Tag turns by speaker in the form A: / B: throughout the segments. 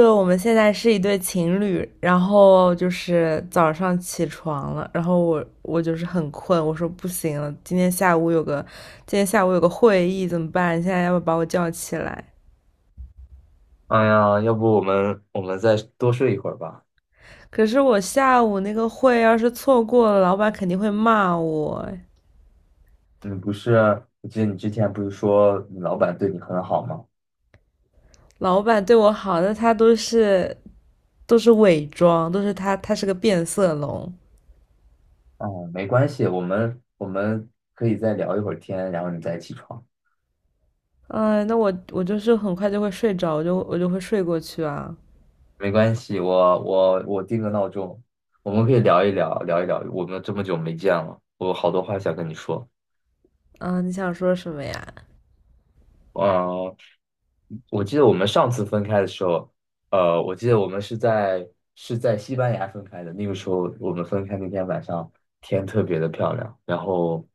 A: 就我们现在是一对情侣，然后就是早上起床了，然后我就是很困，我说不行了，今天下午有个会议怎么办？你现在要不要把我叫起来？
B: 哎呀，要不我们再多睡一会儿吧？
A: 可是我下午那个会要是错过了，老板肯定会骂我哎。
B: 你不是啊，我记得你之前不是说你老板对你很好吗？
A: 老板对我好，那他都是都是伪装，都是他是个变色龙。
B: 哦，没关系，我们可以再聊一会儿天，然后你再起床。
A: 嗯，那我就是很快就会睡着，我就会睡过去啊。
B: 没关系，我定个闹钟，我们可以聊一聊，聊一聊。我们这么久没见了，我有好多话想跟你说。
A: 嗯，你想说什么呀？
B: 呃，我记得我们上次分开的时候，我记得我们是在西班牙分开的。那个时候我们分开那天晚上，天特别的漂亮，然后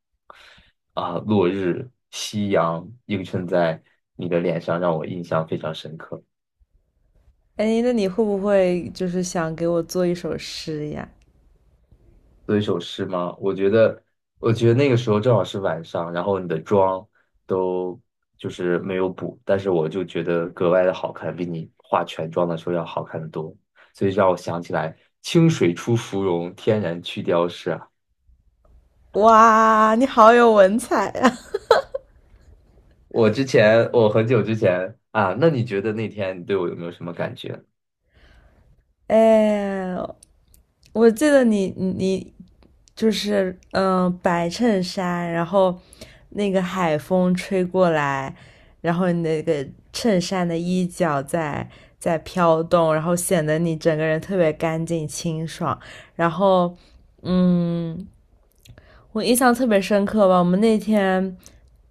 B: 落日、夕阳映衬在你的脸上，让我印象非常深刻。
A: 哎，那你会不会就是想给我做一首诗呀？
B: 做一首诗吗？我觉得，我觉得那个时候正好是晚上，然后你的妆都就是没有补，但是我就觉得格外的好看，比你化全妆的时候要好看的多，所以让我想起来“清水出芙蓉，天然去雕饰”啊。
A: 哇，你好有文采啊！
B: 我之前，我很久之前啊，那你觉得那天你对我有没有什么感觉？
A: 哎，我记得你就是白衬衫，然后那个海风吹过来，然后你那个衬衫的衣角在飘动，然后显得你整个人特别干净清爽，然后嗯，我印象特别深刻吧，我们那天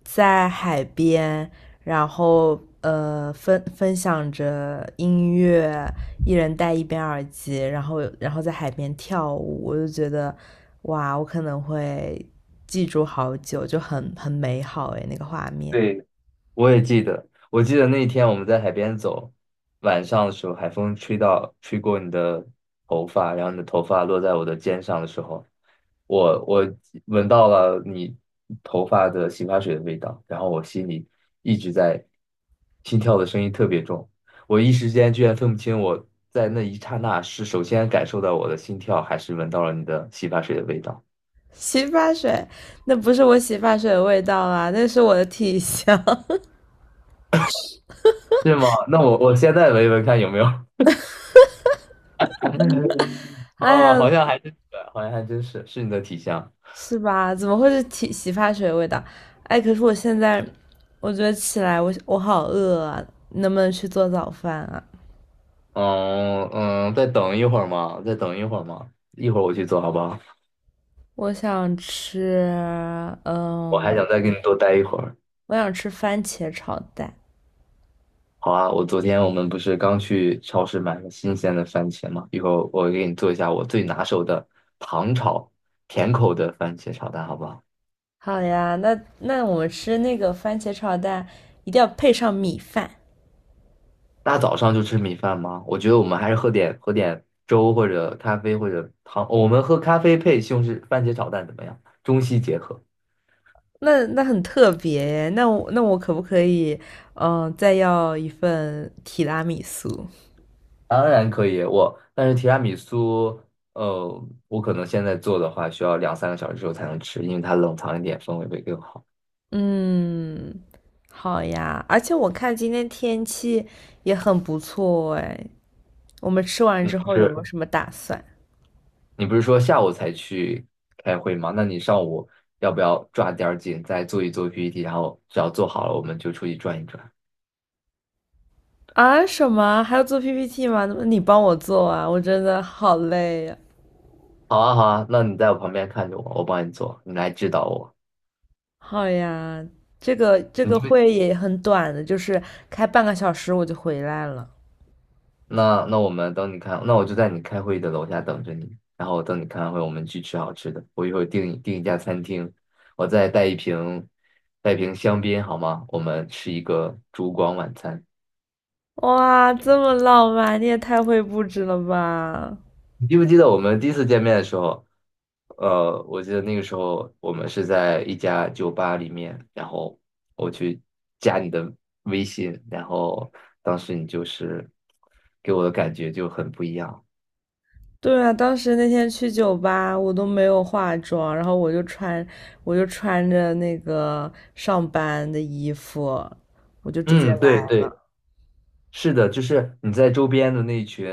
A: 在海边，然后分享着音乐，一人戴一边耳机，然后在海边跳舞，我就觉得哇，我可能会记住好久，就很美好诶，那个画面。
B: 对，我也记得，我记得那一天我们在海边走，晚上的时候，海风吹到，吹过你的头发，然后你的头发落在我的肩上的时候，我闻到了你头发的洗发水的味道，然后我心里一直在心跳的声音特别重，我一时间居然分不清我在那一刹那是首先感受到我的心跳，还是闻到了你的洗发水的味道，
A: 洗发水，那不是我洗发水的味道啦，那是我的体香。
B: 是吗？那我现在闻一闻看有没有。
A: 哎
B: 啊，
A: 呀，
B: 好像还真是，好像还真是你的体香。
A: 是吧？怎么会是洗发水的味道？哎，可是我现在，我觉得起来我好饿啊，能不能去做早饭啊？
B: 嗯嗯，再等一会儿嘛，再等一会儿嘛，一会儿我去做好不好？
A: 我想吃，
B: 我
A: 嗯，
B: 还想再跟你多待一会儿。
A: 我想吃番茄炒蛋。
B: 好啊，我昨天我们不是刚去超市买了新鲜的番茄嘛，一会儿我给你做一下我最拿手的糖炒甜口的番茄炒蛋，好不好？
A: 好呀，那我们吃那个番茄炒蛋，一定要配上米饭。
B: 大早上就吃米饭吗？我觉得我们还是喝点粥或者咖啡或者糖，我们喝咖啡配西红柿番茄炒蛋怎么样？中西结合。
A: 那很特别耶那我可不可以，嗯，再要一份提拉米苏？
B: 当然可以，我但是提拉米苏，呃，我可能现在做的话，需要两三个小时之后才能吃，因为它冷藏一点，风味会更好。
A: 嗯，好呀。而且我看今天天气也很不错哎。我们吃完之后有没
B: 是，
A: 有什么打算？
B: 你不是说下午才去开会吗？那你上午要不要抓点儿紧，再做一做 PPT，然后只要做好了，我们就出去转一转。
A: 啊，什么？还要做 PPT 吗？那么你帮我做啊？我真的好累呀。
B: 好啊，好啊，那你在我旁边看着我，我帮你做，你来指导我。
A: 好呀，这个
B: 你
A: 会也很短的，就是开半个小时我就回来了。
B: 那我们等你开，那我就在你开会的楼下等着你，然后等你开完会，我们去吃好吃的。我一会儿订一家餐厅，我再带一瓶香槟好吗？我们吃一个烛光晚餐。
A: 哇，这么浪漫，你也太会布置了吧！
B: 你记不记得我们第一次见面的时候？我记得那个时候我们是在一家酒吧里面，然后我去加你的微信，然后当时你就是给我的感觉就很不一样。
A: 对啊，当时那天去酒吧，我都没有化妆，然后我就穿着那个上班的衣服，我就直接
B: 嗯，
A: 来
B: 对对。
A: 了。
B: 是的，就是你在周边的那群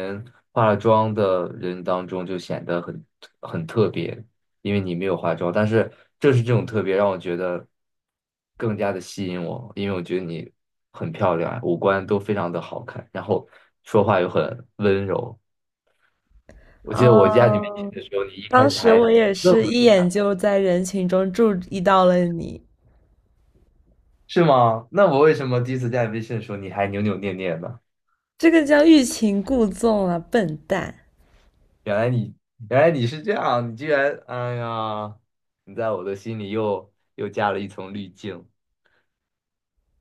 B: 化了妆的人当中，就显得很特别，因为你没有化妆。但是正是这种特别，让我觉得更加的吸引我，因为我觉得你很漂亮啊，五官都非常的好看，然后说话又很温柔。我记得我加你微信
A: 嗯，
B: 的时候，你一开
A: 当
B: 始
A: 时
B: 还
A: 我也
B: 愣
A: 是
B: 了，
A: 一眼就在人群中注意到了你，
B: 是吗？那我为什么第一次加你微信的时候，你还扭扭捏捏的？
A: 这个叫欲擒故纵啊，笨蛋！
B: 原来你原来你是这样，你居然，哎呀，你在我的心里又加了一层滤镜。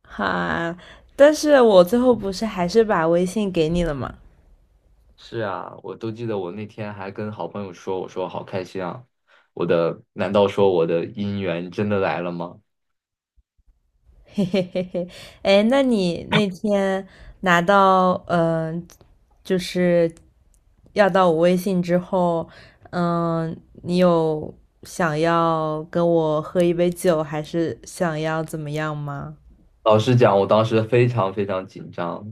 A: 哈，但是我最后不是还是把微信给你了吗？
B: 是啊，我都记得我那天还跟好朋友说，我说好开心啊，我的，难道说我的姻缘真的来了吗？
A: 嘿嘿嘿嘿，哎，那你那天拿到就是要到我微信之后，嗯，你有想要跟我喝一杯酒，还是想要怎么样吗？
B: 老实讲，我当时非常非常紧张，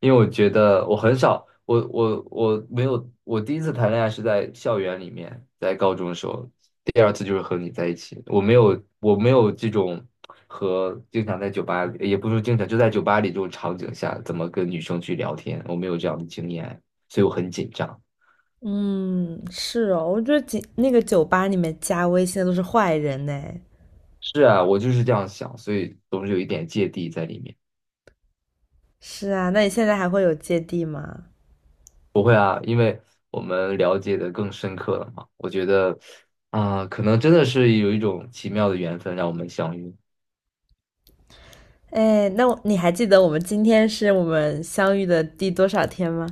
B: 因为我觉得我很少，我没有，我第一次谈恋爱是在校园里面，在高中的时候，第二次就是和你在一起，我没有这种和经常在酒吧里，也不是经常，就在酒吧里这种场景下，怎么跟女生去聊天，我没有这样的经验，所以我很紧张。
A: 嗯，是哦，我觉得那个酒吧里面加微信的都是坏人呢。
B: 是啊，我就是这样想，所以总是有一点芥蒂在里面。
A: 是啊，那你现在还会有芥蒂吗？
B: 不会啊，因为我们了解的更深刻了嘛。我觉得，啊、可能真的是有一种奇妙的缘分让我们相遇。
A: 哎，那我你还记得我们今天是我们相遇的第多少天吗？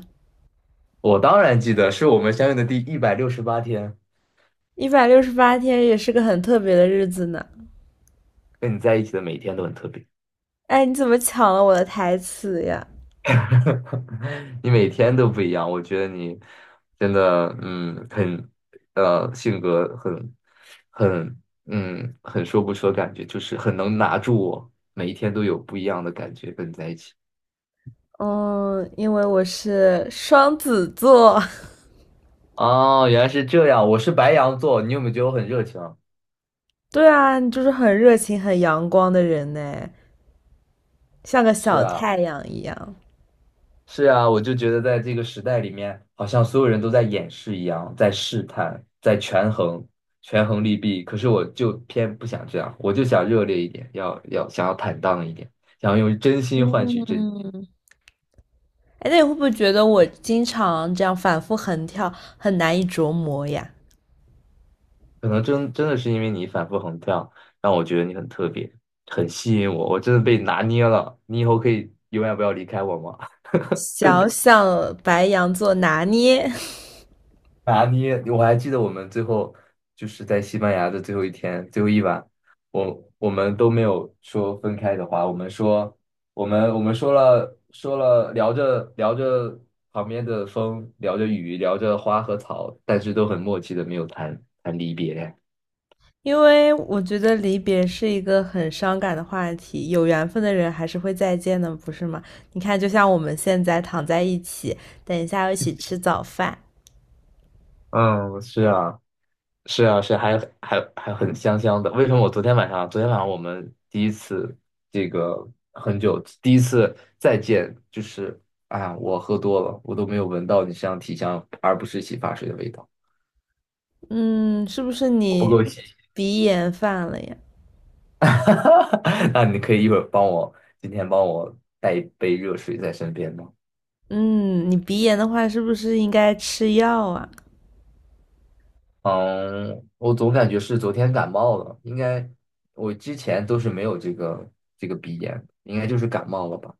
B: 我当然记得，是我们相遇的第168天，
A: 168天，也是个很特别的日子呢。
B: 跟你在一起的每一天都很特别，
A: 哎，你怎么抢了我的台词呀？
B: 你每天都不一样。我觉得你真的，嗯，很，性格很，很，嗯，很说不出的感觉，就是很能拿住我，每一天都有不一样的感觉，跟你在一起。
A: 嗯，因为我是双子座，
B: 哦，原来是这样。我是白羊座，你有没有觉得我很热情啊？
A: 对啊，你就是很热情、很阳光的人呢，像个
B: 是
A: 小
B: 啊，
A: 太阳一样。
B: 是啊，我就觉得在这个时代里面，好像所有人都在掩饰一样，在试探，在权衡，权衡利弊。可是我就偏不想这样，我就想热烈一点，要想要坦荡一点，想要用真心换取真心。
A: 嗯，哎，那你会不会觉得我经常这样反复横跳，很难以琢磨呀？
B: 可能真的是因为你反复横跳，让我觉得你很特别，很吸引我，我真的被拿捏了。你以后可以永远不要离开我吗？
A: 小小白羊座拿捏，
B: 拿捏，我还记得我们最后就是在西班牙的最后一天，最后一晚，我们都没有说分开的话，我们说我们说了聊着旁边的风，聊着雨，聊着花和草，但是都很默契的没有谈离别。
A: 因为我觉得离别是一个很伤感的话题，有缘分的人还是会再见的，不是吗？你看，就像我们现在躺在一起，等一下要一起吃早饭。
B: 嗯，是啊。是啊，是还很香的。为什么我昨天晚上，昨天晚上我们第一次这个很久，第一次再见，就是哎呀，我喝多了，我都没有闻到你身上体香，而不是洗发水的味道，
A: 嗯，是不是
B: 我不
A: 你
B: 够细。
A: 鼻炎犯了呀？
B: 那你可以一会儿帮我，今天帮我带一杯热水在身边吗？
A: 嗯，你鼻炎的话，是不是应该吃药啊？
B: 嗯，我总感觉是昨天感冒了，应该我之前都是没有这个鼻炎，应该就是感冒了吧。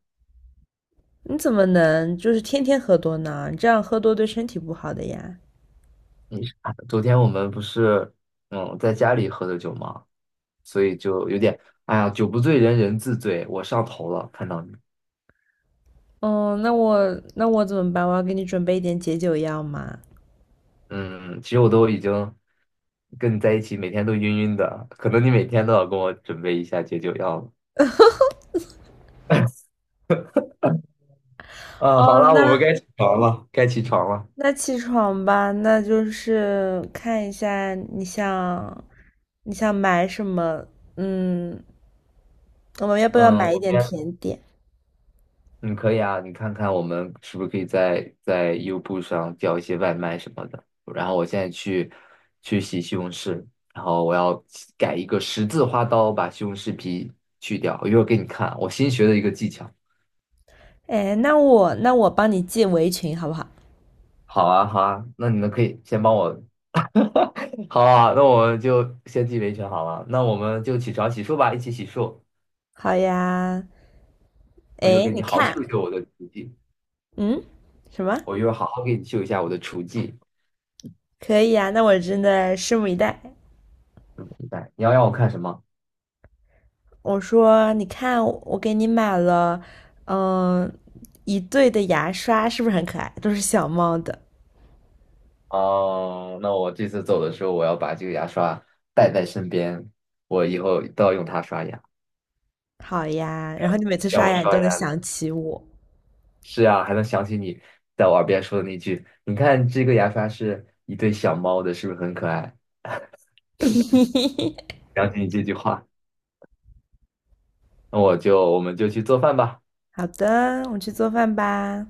A: 你怎么能就是天天喝多呢？你这样喝多对身体不好的呀。
B: 你是昨天我们不是嗯在家里喝的酒吗？所以就有点哎呀，酒不醉人人自醉，我上头了，看到你，
A: 哦，那我怎么办？我要给你准备一点解酒药吗？
B: 嗯，其实我都已经跟你在一起，每天都晕晕的，可能你每天都要跟我准备一下解酒药了。啊，好
A: 哦，
B: 了，我
A: 那
B: 们该起床了，该起床了。
A: 那起床吧，那就是看一下你想买什么？嗯，我们要不要
B: 嗯，
A: 买一
B: 我
A: 点
B: 先
A: 甜点？
B: 嗯，可以啊，你看看我们是不是可以在优步上叫一些外卖什么的。然后我现在去洗西红柿，然后我要改一个十字花刀，把西红柿皮去掉。我一会儿给你看啊我新学的一个技巧。
A: 哎，那我帮你系围裙好不好？
B: 好啊，好啊，那你们可以先帮我。好啊，那我们就先记维权好了。那我们就起床洗漱吧，一起洗漱。
A: 好呀，
B: 我一会儿
A: 哎，
B: 给
A: 你
B: 你好好秀一
A: 看，
B: 秀我的厨技，
A: 嗯，什么？
B: 我一会儿好好给你秀一下我的厨技。
A: 可以呀，那我真的拭目以待。
B: 来，你要让我看什么？
A: 我说，你看，我给你买了，嗯，一对的牙刷，是不是很可爱？都是小猫的。
B: 哦，那我这次走的时候，我要把这个牙刷带在身边，我以后都要用它刷牙，
A: 好呀，然后你每次
B: 让
A: 刷
B: 我
A: 牙，你
B: 刷
A: 都能
B: 牙的。
A: 想起我。
B: 是啊，还能想起你在我耳边说的那句：“你看这个牙刷是一对小猫的，是不是很可爱？” 想起你这句话，那我们就去做饭吧。
A: 好的，我去做饭吧。